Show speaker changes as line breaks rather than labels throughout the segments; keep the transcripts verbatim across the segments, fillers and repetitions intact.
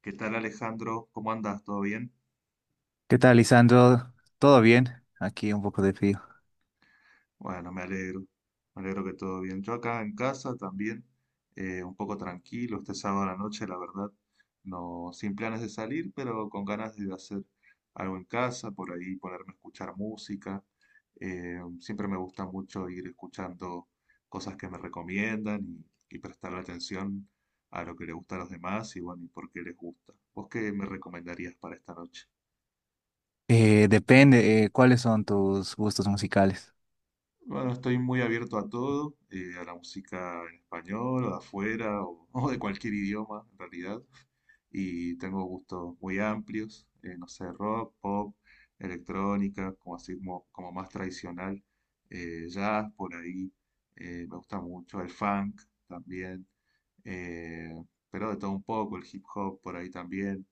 ¿Qué tal, Alejandro? ¿Cómo andas? ¿Todo bien?
¿Qué tal, Lisandro? ¿Todo bien? Aquí un poco de frío.
Bueno, me alegro. Me alegro que todo bien. Yo acá en casa también, eh, un poco tranquilo, este sábado a la noche, la verdad, no sin planes de salir, pero con ganas de hacer algo en casa, por ahí ponerme a escuchar música. Eh, siempre me gusta mucho ir escuchando cosas que me recomiendan y, y prestarle atención a lo que le gusta a los demás y bueno, y por qué les gusta. ¿Vos qué me recomendarías para esta noche?
Eh, depende, eh, ¿cuáles son tus gustos musicales?
Bueno, estoy muy abierto a todo, eh, a la música en español o de afuera o, o de cualquier idioma en realidad. Y tengo gustos muy amplios, eh, no sé, rock, pop, electrónica, como así como, como más tradicional, eh, jazz por ahí, eh, me gusta mucho el funk también, eh, pero de todo un poco, el hip hop por ahí también.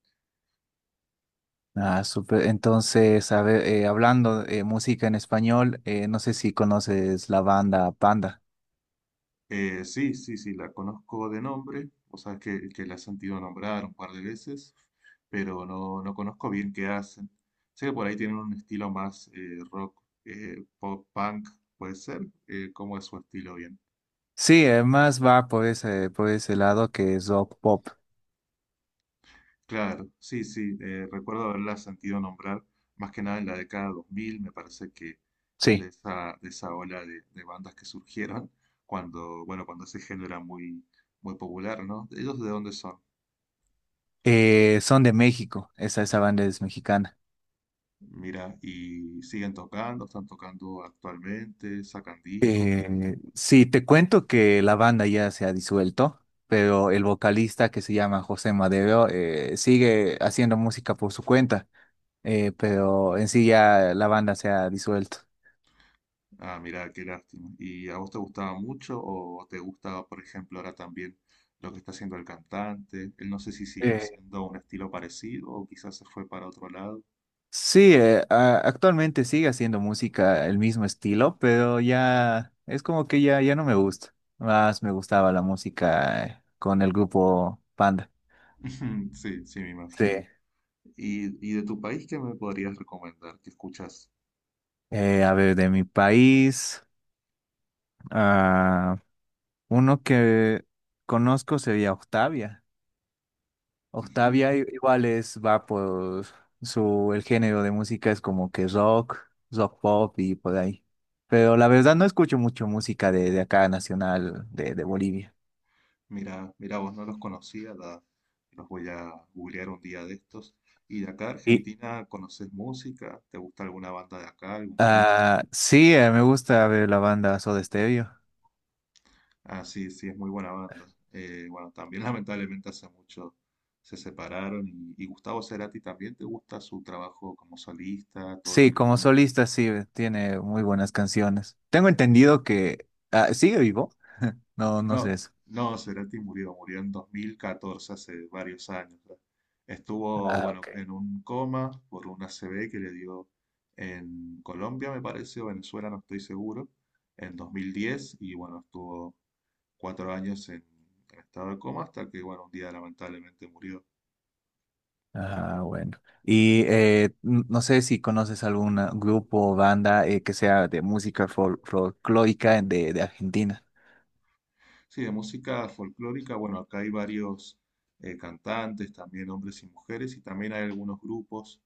Ah, súper. Entonces, a ver, eh, hablando de música en español, eh, no sé si conoces la banda Panda.
Eh, sí, sí, sí, la conozco de nombre, o sea, que, que la he sentido nombrar un par de veces, pero no, no conozco bien qué hacen. Sé que por ahí tienen un estilo más eh, rock, eh, pop punk, puede ser, eh, ¿cómo es su estilo bien?
Sí, eh, más va por ese, por ese lado que es rock pop.
Claro, sí, sí, eh, recuerdo haberla sentido nombrar, más que nada en la década dos mil. Me parece que es de
Sí.
esa, de esa ola de, de bandas que surgieron cuando, bueno, cuando ese género era muy, muy popular, ¿no? ¿Ellos de dónde son?
Eh, son de México, esa, esa banda es mexicana.
Mira, y siguen tocando, están tocando actualmente, sacan discos.
Eh, sí, te cuento que la banda ya se ha disuelto, pero el vocalista que se llama José Madero eh, sigue haciendo música por su cuenta, eh, pero en sí ya la banda se ha disuelto.
Ah, mira, qué lástima. ¿Y a vos te gustaba mucho o te gusta, por ejemplo, ahora también lo que está haciendo el cantante? Él no sé si siguió
Eh,
haciendo un estilo parecido o quizás se fue para otro lado.
sí, eh, a- Actualmente sigue haciendo música el mismo estilo, pero ya es como que ya, ya no me gusta. Más me gustaba la música eh, con el grupo Panda.
Sí, sí, me
Sí.
imagino. ¿Y, y de tu país qué me podrías recomendar? ¿Qué escuchas?
Eh, a ver, de mi país. ah, Uno que conozco sería Octavia. Octavia i- igual es, va por su, el género de música es como que rock, rock pop y por ahí. Pero la verdad no escucho mucho música de, de acá nacional de, de Bolivia.
Mira, mira, vos no los conocía, la- los voy a googlear un día de estos. ¿Y de acá
Y
Argentina conoces música? ¿Te gusta alguna banda de acá, algún grupo?
ah, sí, eh, me gusta ver la banda Soda Stereo.
Ah, sí, sí, es muy buena banda. Eh, bueno, también lamentablemente hace mucho se separaron y, y Gustavo Cerati también te gusta su trabajo como solista, todo lo
Sí,
que
como
hizo.
solista sí, tiene muy buenas canciones. Tengo entendido que ah, sigue vivo. No, no sé
No,
eso.
no, Cerati murió, murió en dos mil catorce, hace varios años. ¿Verdad? Estuvo,
Ah,
bueno,
ok.
en un coma por una A C V que le dio en Colombia, me parece, o Venezuela, no estoy seguro, en dos mil diez, y bueno, estuvo cuatro años en, en estado de coma hasta que, bueno, un día lamentablemente murió.
Ah, bueno. Y eh, n- no sé si conoces algún grupo o banda eh, que sea de música fol- folclórica en- de, de Argentina.
Sí, de música folclórica, bueno, acá hay varios eh, cantantes, también hombres y mujeres, y también hay algunos grupos,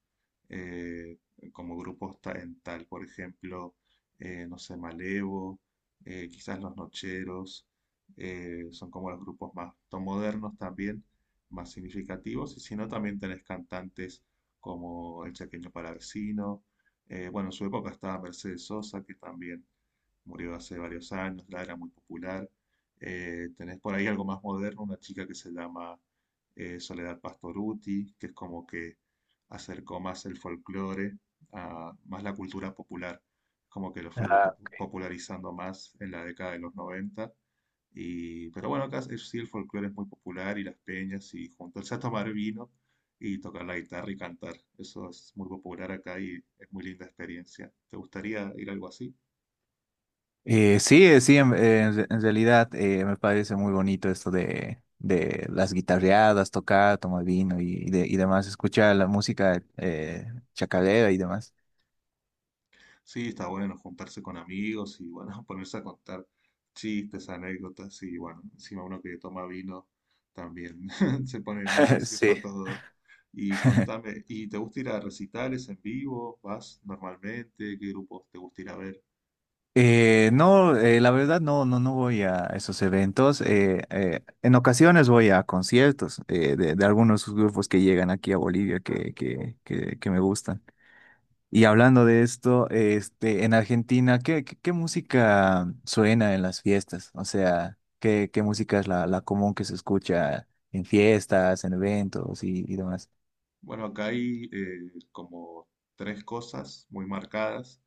eh, como grupos ta- en tal, por ejemplo, eh, no sé, Malevo, eh, quizás Los Nocheros, eh, son como los grupos más to- modernos también, más significativos, y si no, también tenés cantantes como El Chaqueño Palavecino, eh, bueno, en su época estaba Mercedes Sosa, que también murió hace varios años, la era muy popular. Eh, tenés por ahí algo más moderno, una chica que se llama eh, Soledad Pastoruti, que es como que acercó más el folclore a más la cultura popular, como que lo fue po-
Ah,
popularizando más en la década de los noventa. Y, pero bueno, acá es- sí el folclore es muy popular y las peñas y juntarse a tomar vino y tocar la guitarra y cantar. Eso es muy popular acá y es muy linda experiencia. ¿Te gustaría ir a algo así?
eh, sí, eh, sí, en, eh, en- re- en realidad eh, me parece muy bonito esto de, de las guitarreadas, tocar, tomar vino y, y de- y demás, escuchar la música eh, chacarera y demás.
Sí, está bueno juntarse con amigos y bueno, ponerse a contar chistes, anécdotas y bueno, encima uno que toma vino también se pone más gracioso
Sí.
a todo. Y contame, ¿y te gusta ir a recitales en vivo? ¿Vas normalmente? ¿Qué grupos te gusta ir a ver?
Eh, no, eh, la verdad no, no, no voy a esos eventos. Eh, eh, en ocasiones voy a conciertos eh, de, de algunos grupos que llegan aquí a Bolivia que, que, que, que me gustan. Y hablando de esto, este, en Argentina, ¿qué, qué, ¿qué música suena en las fiestas? O sea, ¿qué, ¿qué música es la, la común que se escucha en fiestas, en eventos y, y demás?
Bueno, acá hay eh, como tres cosas muy marcadas.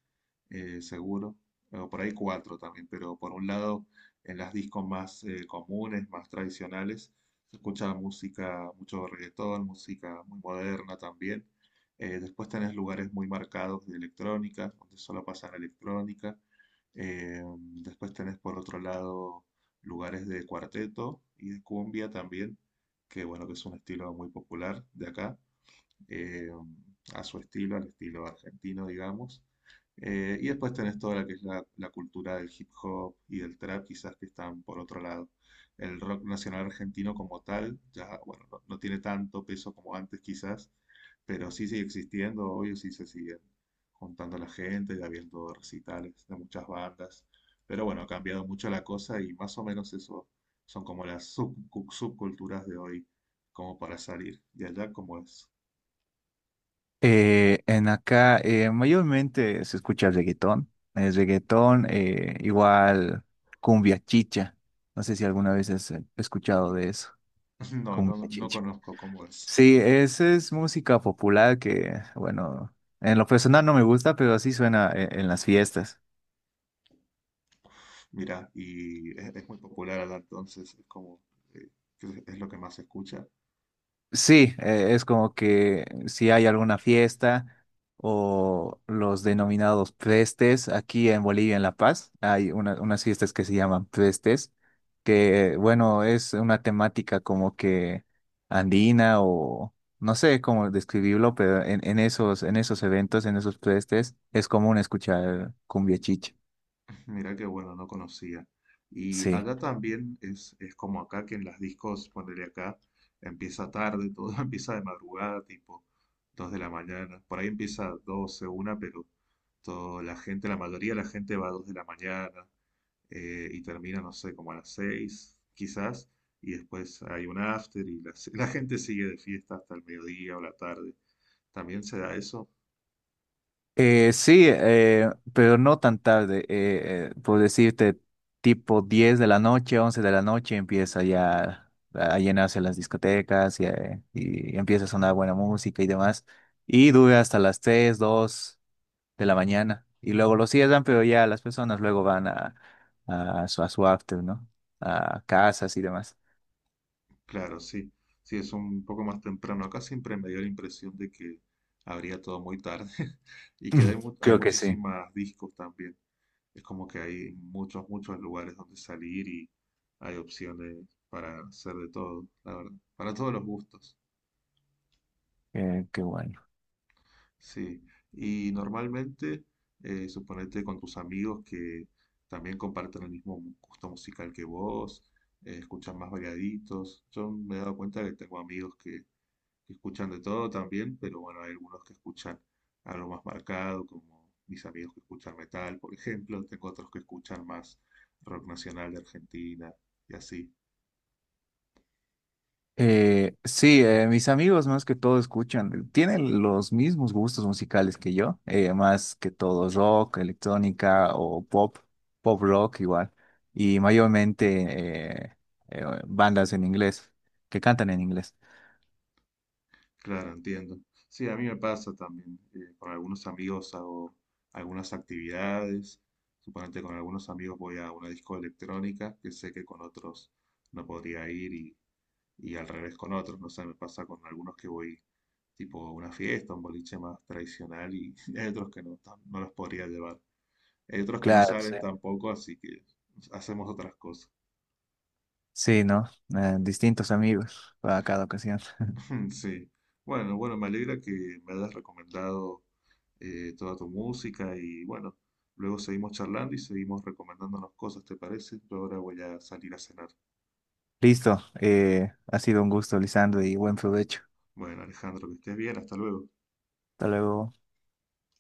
eh, Seguro, o por ahí cuatro también, pero por un lado, en las discos más eh, comunes, más tradicionales, se escucha música, mucho reggaetón, música muy moderna también. Eh, después tenés lugares muy marcados de electrónica, donde solo pasan electrónica. Eh, después tenés por otro lado lugares de cuarteto y de cumbia también, que bueno, que es un estilo muy popular de acá eh, a su estilo, al estilo argentino, digamos. Eh, y después tenés toda la que es la, la cultura del hip hop y del trap, quizás que están por otro lado. El rock nacional argentino como tal, ya, bueno, no, no tiene tanto peso como antes quizás, pero sí sigue existiendo, obvio, sí se siguen juntando la gente y habiendo recitales de muchas bandas. Pero bueno, ha cambiado mucho la cosa y más o menos eso son como las sub- cu- subculturas de hoy, como para salir. ¿Y allá cómo es?
Eh, en acá eh, mayormente se escucha reggaetón, es reggaetón, eh, igual cumbia chicha. No sé si alguna vez has eh, escuchado de eso,
No, no,
cumbia
no
chicha.
conozco Converse.
Sí, esa es música popular que, bueno, en lo personal no me gusta, pero así suena eh, en, las fiestas.
Mira, y es, es muy popular acá, entonces es como eh, que es, es lo que más se escucha.
Sí, eh, es como que si hay alguna fiesta o los denominados prestes, aquí en Bolivia, en La Paz, hay una- unas fiestas que se llaman prestes, que bueno, es una temática como que andina o no sé cómo describirlo, pero en, en esos, en esos eventos, en esos prestes, es común escuchar cumbia chicha.
Mira que bueno, no conocía. Y
Sí.
acá también es, es como acá que en las discos, ponele acá, empieza tarde, todo empieza de madrugada, tipo dos de la mañana. Por ahí empieza doce una pero toda la gente, la mayoría de la gente va a dos de la mañana. Eh, y termina, no sé, como a las seis quizás, y después hay un after y la, la gente sigue de fiesta hasta el mediodía o la tarde. ¿También se da eso?
Eh, sí, eh, pero no tan tarde. Eh, eh, por decirte, tipo diez de la noche, once de la noche, empieza ya a llenarse las discotecas y, eh, y empieza a sonar buena música y demás. Y dura hasta las tres, dos de la mañana. Y luego lo cierran, pero ya las personas luego van a, a, su, a su after, ¿no? A casas y demás.
Claro, sí. Sí, es un poco más temprano. Acá siempre me dio la impresión de que habría todo muy tarde y que hay, mu- hay
Creo que sí.
muchísimas discos también. Es como que hay muchos, muchos lugares donde salir y hay opciones para hacer de todo, la verdad, para todos los gustos.
Eh, qué bueno.
Sí, y normalmente, eh, suponete con tus amigos que también comparten el mismo mu- gusto musical que vos, eh, escuchan más variaditos. Yo me he dado cuenta que tengo amigos que, que escuchan de todo también, pero bueno, hay algunos que escuchan algo más marcado, como mis amigos que escuchan metal, por ejemplo. Tengo otros que escuchan más rock nacional de Argentina y así.
Eh, sí, eh, mis amigos más que todo escuchan, tienen los mismos gustos musicales que yo, eh, más que todo rock, electrónica o pop, pop rock igual, y mayormente eh, eh, bandas en inglés, que cantan en inglés.
Claro, entiendo. Sí, a mí me pasa también. Eh, con algunos amigos hago algunas actividades. Suponete con algunos amigos voy a una disco electrónica que sé que con otros no podría ir y, y al revés con otros. No sé, me pasa con algunos que voy tipo a una fiesta, un boliche más tradicional y hay otros que no, tam- no los podría llevar. Hay otros que no
Claro, sí.
salen tampoco, así que hacemos otras cosas.
Sí, ¿no? Eh, distintos amigos para cada ocasión.
Sí. Bueno, bueno, me alegra que me hayas recomendado eh, toda tu música y bueno, luego seguimos charlando y seguimos recomendándonos cosas, ¿te parece? Yo ahora voy a salir a cenar.
Listo, eh, ha sido un gusto, Lisandro, y buen
Mm.
provecho.
Bueno, Alejandro, que estés bien, hasta luego.
Hasta luego.